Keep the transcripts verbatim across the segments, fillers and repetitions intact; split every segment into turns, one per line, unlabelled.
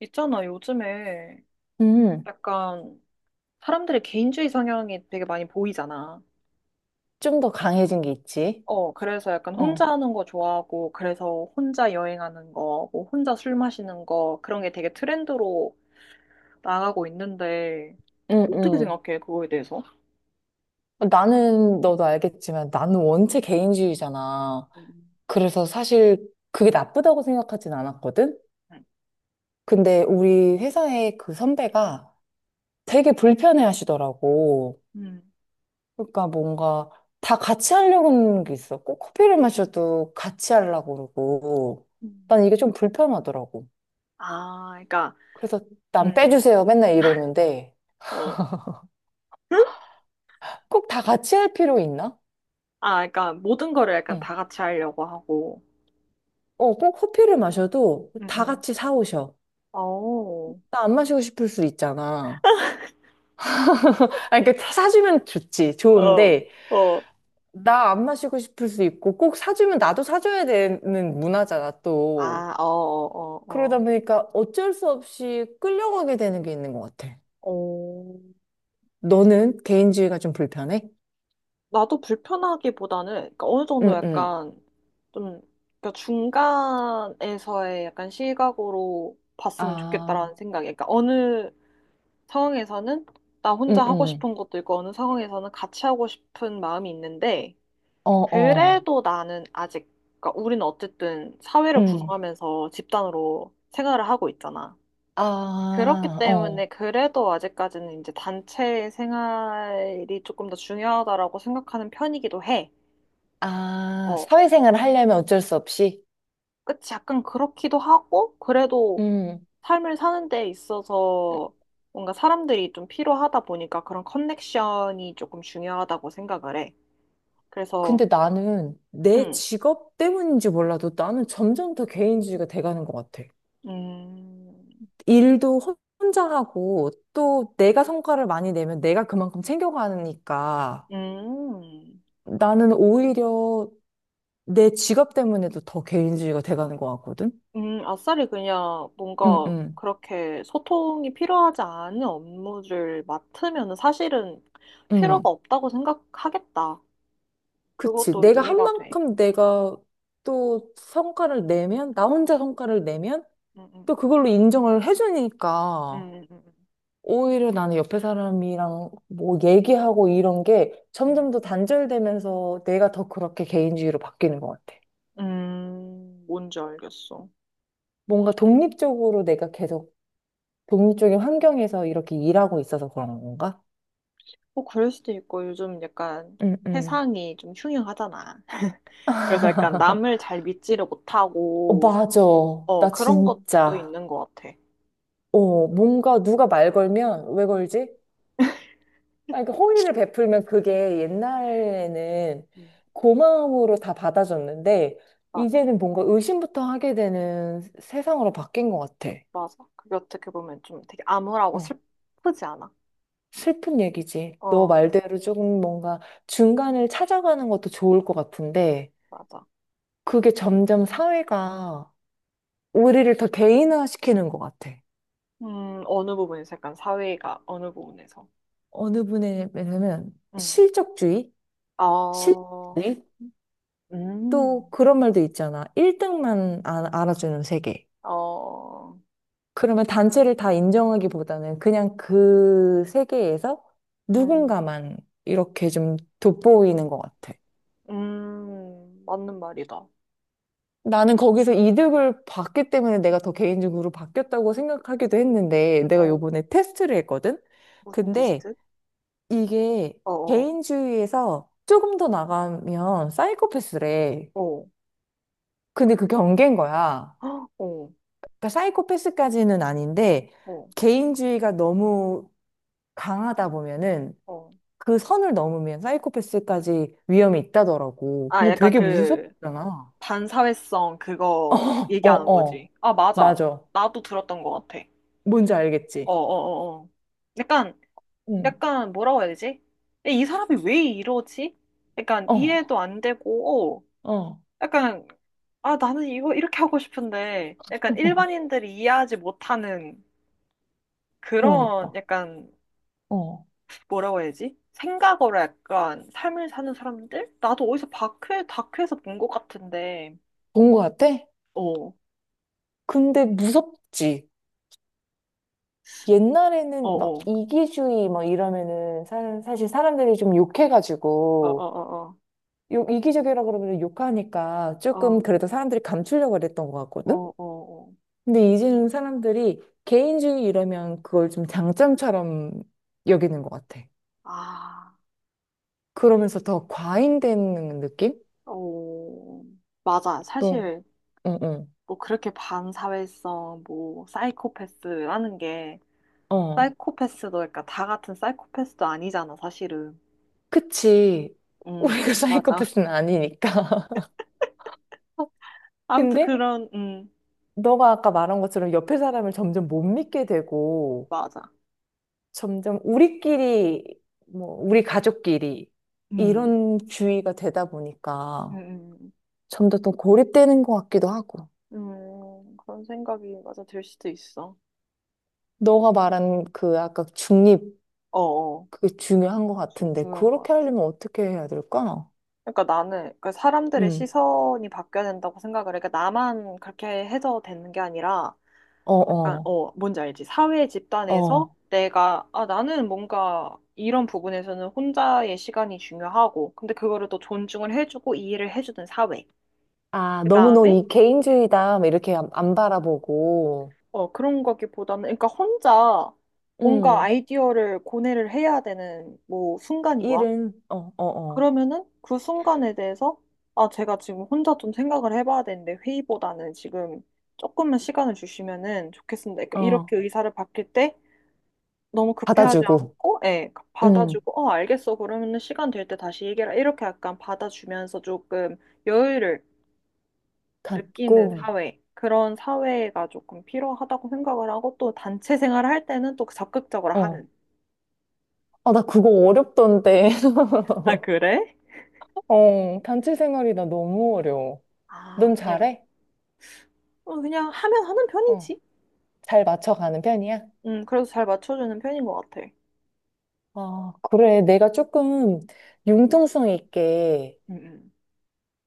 있잖아, 요즘에
음,
약간 사람들의 개인주의 성향이 되게 많이 보이잖아.
좀 더 강해진 게 있지.
어, 그래서 약간 혼자
어,
하는 거 좋아하고, 그래서 혼자 여행하는 거, 뭐 혼자 술 마시는 거, 그런 게 되게 트렌드로 나가고 있는데,
응,
어떻게
응.
생각해, 그거에 대해서?
나는, 너도 알겠지만, 나는 원체 개인주의잖아.
음.
그래서 사실 그게 나쁘다고 생각하진 않았거든? 근데 우리 회사의 그 선배가 되게 불편해 하시더라고.
음.
그러니까 뭔가 다 같이 하려고 하는 게 있어. 꼭 커피를 마셔도 같이 하려고 그러고.
음.
난 이게 좀 불편하더라고.
아, 그러니까,
그래서 난
음,
빼주세요. 맨날 이러는데
어, 응?
꼭 다 같이 할 필요 있나?
아, 그러니까 모든 거를 약간
응.
다 같이 하려고 하고,
어, 꼭 커피를 마셔도
음,
다
음.
같이 사오셔.
어, 어,
나 안 마시고 싶을 수 있잖아. 아니, 그러니까 사주면 좋지, 좋은데,
어,
나 안 마시고 싶을 수 있고, 꼭 사주면 나도 사줘야 되는 문화잖아, 또.
아, 어, 어,
그러다
어.
보니까 어쩔 수 없이 끌려가게 되는 게 있는 것 같아.
어,
너는 개인주의가 좀 불편해?
나도 불편하기보다는 그러니까 어느 정도
응, 응.
약간 좀 그러니까 중간에서의 약간 시각으로 봤으면
아,
좋겠다라는 생각이 그러니까 어느 상황에서는 나
응,
혼자 음, 하고
응.
싶은 것도 있고 어느 상황에서는 같이 하고 싶은 마음이 있는데
어, 어.
그래도 나는 아직 그러니까 우리는 어쨌든 사회를
응.
구성하면서 집단으로 생활을 하고 있잖아. 그렇기
아,
때문에
어.
그래도 아직까지는 이제 단체 생활이 조금 더 중요하다라고 생각하는 편이기도 해.
아,
어,
사회생활을 하려면 어쩔 수 없이?
그치. 약간 그렇기도 하고, 그래도
음.
삶을 사는 데 있어서 뭔가 사람들이 좀 필요하다 보니까 그런 커넥션이 조금 중요하다고 생각을 해. 그래서,
근데 나는 내
음,
직업 때문인지 몰라도 나는 점점 더 개인주의가 돼가는 것 같아.
음,
일도 혼- 혼자 하고 또 내가 성과를 많이 내면 내가 그만큼 챙겨가니까
음.
나는 오히려 내 직업 때문에도 더 개인주의가 돼가는 것 같거든.
음, 아싸리 그냥
응,
뭔가
응,
그렇게 소통이 필요하지 않은 업무를 맡으면 사실은
응.
필요가 없다고 생각하겠다.
그치.
그것도
내가 한
이해가 돼.
만큼 내가 또 성과를 내면, 나 혼자 성과를 내면
음,
또
음,
그걸로 인정을 해주니까.
음, 음,
오히려 나는 옆에 사람이랑 뭐 얘기하고 이런 게
음,
점점 더 단절되면서 내가 더 그렇게 개인주의로 바뀌는 것 같아.
음, 음, 뭔지 알겠어.
뭔가 독립적으로 내가 계속 독립적인 환경에서 이렇게 일하고 있어서 그런 건가?
뭐 그럴 수도 있고 요즘 약간
응, 응.
세상이 좀 흉흉하잖아. 그래서 약간 남을 잘 믿지를
어,
못하고
맞아.
어,
나
그런 것도
진짜.
있는 것 같아.
어, 뭔가 누가 말 걸면 왜 걸지? 아니, 그 호의를 베풀면 그게 옛날에는
음,
고마움으로 다 받아줬는데,
맞아,
이제는 뭔가 의심부터 하게 되는 세상으로 바뀐 것 같아.
맞아. 그게 어떻게 보면 좀 되게 암울하고
어,
슬프지 않아?
슬픈 얘기지. 너
어.
말대로 조금 뭔가 중간을 찾아가는 것도 좋을 것 같은데,
맞아.
그게 점점 사회가 우리를 더 개인화시키는 것 같아.
음, 어느 부분에서 약간 사회가 어느 부분에서.
어느 분에게는
음.
실적주의,
어,
실력주의, 또
음,
그런 말도 있잖아. 일 등만 알아주는 세계.
어,
그러면 단체를 다 인정하기보다는 그냥 그 세계에서
음,
누군가만 이렇게 좀 돋보이는 것 같아.
음, 맞는 말이다.
나는 거기서 이득을 봤기 때문에 내가 더 개인적으로 바뀌었다고 생각하기도 했는데 내가
어,
요번에 테스트를 했거든?
무슨
근데
테스트?
이게
어, 어,
개인주의에서 조금 더 나가면 사이코패스래.
어,
근데 그 경계인 거야.
헉, 어,
그러니까 사이코패스까지는 아닌데
어,
개인주의가 너무 강하다 보면은
어.
그 선을 넘으면 사이코패스까지 위험이 있다더라고.
아,
근데
약간
되게
그,
무섭잖아.
반사회성 그거
어,
얘기하는
어.
거지. 아, 맞아.
맞아.
나도 들었던 것 같아.
뭔지
어, 어,
알겠지?
어, 어. 약간,
응.
약간 뭐라고 해야 되지? 이 사람이 왜 이러지? 약간
어,
이해도 안 되고, 어.
어.
약간, 아, 나는 이거 이렇게 하고 싶은데, 약간 일반인들이 이해하지 못하는 그런
그러니까.
약간,
어.
뭐라고 해야지? 생각으로 약간 삶을 사는 사람들? 나도 어디서 다큐, 다큐에서 본 것 같은데,
본 것 같아?
어, 어,
근데 무섭지. 옛날에는 막
어,
이기주의 막 이러면은 사, 사실 사람들이 좀
어,
욕해가지고
어, 어,
욕, 이기적이라 그러면 욕하니까
어,
조금
어,
그래도 사람들이 감추려고 그랬던 것
어,
같거든?
어, 어.
근데 이제는 사람들이 개인주의 이러면 그걸 좀 장점처럼 여기는 것 같아.
아,
그러면서 더 과잉되는 느낌?
어, 맞아.
또,
사실,
어,
뭐 그렇게 반사회성, 뭐, 사이코패스라는 게,
어, 어.
사이코패스도, 그러니까 다 같은 사이코패스도 아니잖아, 사실은.
그치.
음,
우리가
맞아.
사이코패스는 아니니까.
아무튼
근데
그런, 음,
너가 아까 말한 것처럼 옆에 사람을 점점 못 믿게 되고,
맞아.
점점 우리끼리, 뭐, 우리 가족끼리,
음,
이런 주의가 되다
음,
보니까
음.
점점 더 고립되는 것 같기도 하고.
음, 그런 생각이 맞아 들 수도 있어.
너가 말한 그 아까 중립,
어어,
그게 중요한 것
주-
같은데,
중요한 것
그렇게
같아.
하려면 어떻게 해야 될까?
그러니까 나는, 그러니까 사람들의
음,
시선이 바뀌어야 된다고 생각을 해. 그러니까 나만 그렇게 해서 되는 게 아니라,
어,
약간,
어,
어, 뭔지 알지? 사회 집단에서
어.
내가, 아, 나는 뭔가 이런 부분에서는 혼자의 시간이 중요하고, 근데 그거를 또 존중을 해주고 이해를 해주는 사회.
아,
그
너무 너
다음에,
이 개인주의다, 막 이렇게 안, 안 바라보고,
어, 그런 거기보다는, 그러니까 혼자 뭔가
음,
아이디어를 고뇌를 해야 되는 뭐 순간이 와.
일은, 어, 어,
그러면은 그 순간에 대해서, 아, 제가 지금 혼자 좀 생각을 해봐야 되는데 회의보다는 지금 조금만 시간을 주시면은 좋겠습니다. 그러니까
어,
이렇게
어,
의사를 바뀔 때 너무 급해하지
받아주고,
않고, 예,
음,
받아주고, 어, 알겠어. 그러면은 시간 될 때 다시 얘기해라. 이렇게 약간 받아주면서 조금 여유를 느끼는
갖고,
사회. 그런 사회가 조금 필요하다고 생각을 하고 또 단체 생활을 할 때는 또 적극적으로
어.
하는.
아, 나 그거 어렵던데.
아, 그래?
어, 단체 생활이 나 너무 어려워.
아,
넌
그냥,
잘해?
어, 그냥 하면 하는
어,
편이지.
잘 맞춰가는 편이야?
음, 그래서 잘 맞춰주는 편인 것 같아.
아, 그래. 내가 조금 융통성 있게
음, 음.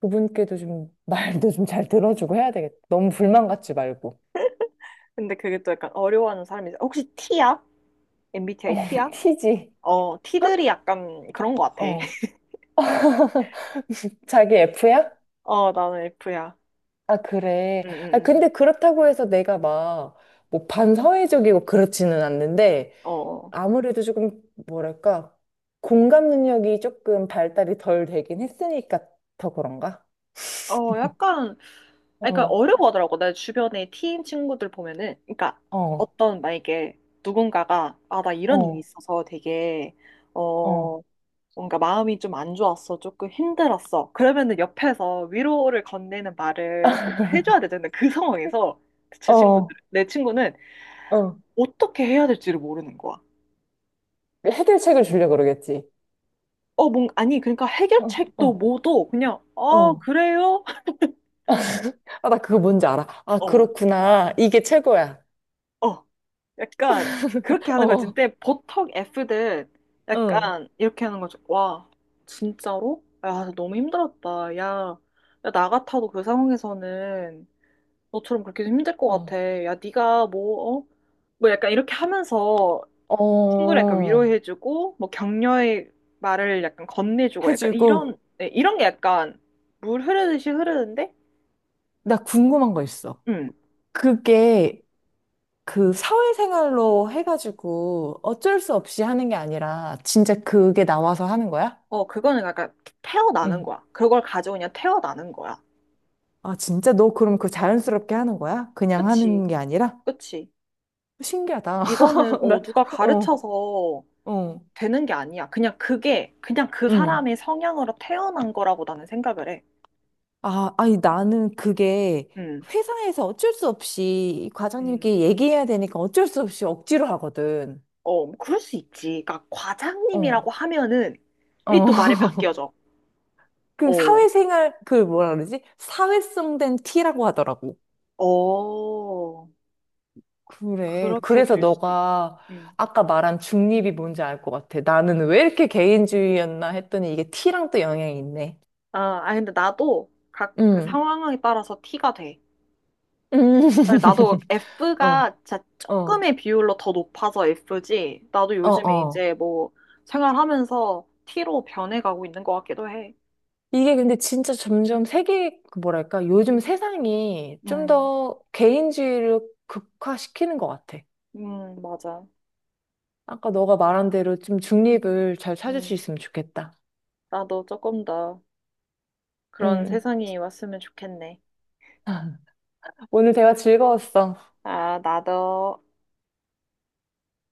그분께도 좀 말도 좀 잘 들어주고 해야 되겠다. 너무 불만 갖지 말고.
근데 그게 또 약간 어려워하는 사람이 있어. 혹시 T야?
어,
엠비티아이 T야?
티지.
어, T들이 약간 그런 것 같아.
어. 자기 에프야?
어, 나는 F야.
아, 그래.
응,
아,
응,
근데 그렇다고 해서 내가 막, 뭐, 반사회적이고 그렇지는 않는데,
응. 어,
아무래도 조금, 뭐랄까, 공감 능력이 조금 발달이 덜 되긴 했으니까 더 그런가?
어, 약간 아니, 그러니까
어,
어려워 하더라고. 내 주변에 팀 친구들 보면은, 그러니까
어,
어떤 만약에 누군가가 아, 나 이런 일이 어,
어,
있어서 되게
어,
어 뭔가 마음이 좀 안 좋았어, 조금 힘들었어. 그러면은 옆에서 위로를 건네는 말을 해줘야 되잖아. 그 상황에서 제 친구들,
어,
내 친구는
어.
어떻게 해야 될지를 모르는 거야.
해결책을 주려고 그러겠지.
어, 뭔 아니 그러니까
어,
해결책도
어,
뭐도 그냥 어
어.
그래요?
아, 나 그거 뭔지 알아. 아,
어,
그렇구나. 이게 최고야.
어. 약간 그렇게 하는 거지.
어,
근데 보통 F들
응,
약간 이렇게 하는 거죠. 와, 진짜로? 야, 너무 힘들었다. 야, 야, 나 같아도 그 상황에서는 너처럼 그렇게 힘들 것
어,
같아. 야, 네가 뭐, 어? 뭐 약간 이렇게 하면서 친구를 약간
어,
위로해주고, 뭐 격려의 말을 약간 건네주고, 약간 이런,
해주고,
네, 이런 게 약간 물 흐르듯이 흐르는데,
나 궁금한 거 있어.
음,
그게 그 사회생활로 해가지고 어쩔 수 없이 하는 게 아니라 진짜 그게 나와서 하는 거야?
어, 그거는 약간 태어나는
응.
거야. 그걸 가지고 그냥 태어나는 거야.
아, 진짜 너 그럼 그 자연스럽게 하는 거야? 그냥
그치,
하는 게 아니라?
그치.
신기하다.
이거는
나,
어, 누가
어,
가르쳐서
어,
되는 게 아니야. 그냥 그게 그냥 그
응.
사람의 성향으로 태어난 거라고 나는 생각을 해.
아, 아니, 나는 그게
음.
회사에서 어쩔 수 없이
음.
과장님께 얘기해야 되니까 어쩔 수 없이 억지로 하거든.
어, 뭐 그럴 수 있지. 그러니까
어.
과장님이라고 하면은 이
어,
또 말이 바뀌어져.
그
어.
사회생활, 그 뭐라 그러지? 사회성된 티라고 하더라고.
어.
그래.
그렇게
그래서
될 수도 있다.
너가
음.
아까 말한 중립이 뭔지 알 것 같아. 나는 왜 이렇게 개인주의였나 했더니 이게 티랑 또 영향이 있네.
아, 아니 근데 나도 각 그
응.
상황에 따라서 티가 돼.
음. 음.
네, 나도
어,
F가 진짜
어,
조금의 비율로 더 높아서 F지. 나도
어,
요즘에
어.
이제 뭐 생활하면서 T로 변해가고 있는 것 같기도 해.
이게 근데 진짜 점점 세계, 그 뭐랄까, 요즘 세상이 좀
음,
더 개인주의를 극화시키는 것 같아.
음, 맞아.
아까 너가 말한 대로 좀 중립을 잘 찾을 수
음,
있으면 좋겠다.
나도 조금 더 그런
음.
세상이 왔으면 좋겠네.
오늘 대화 즐거웠어.
아, 나도.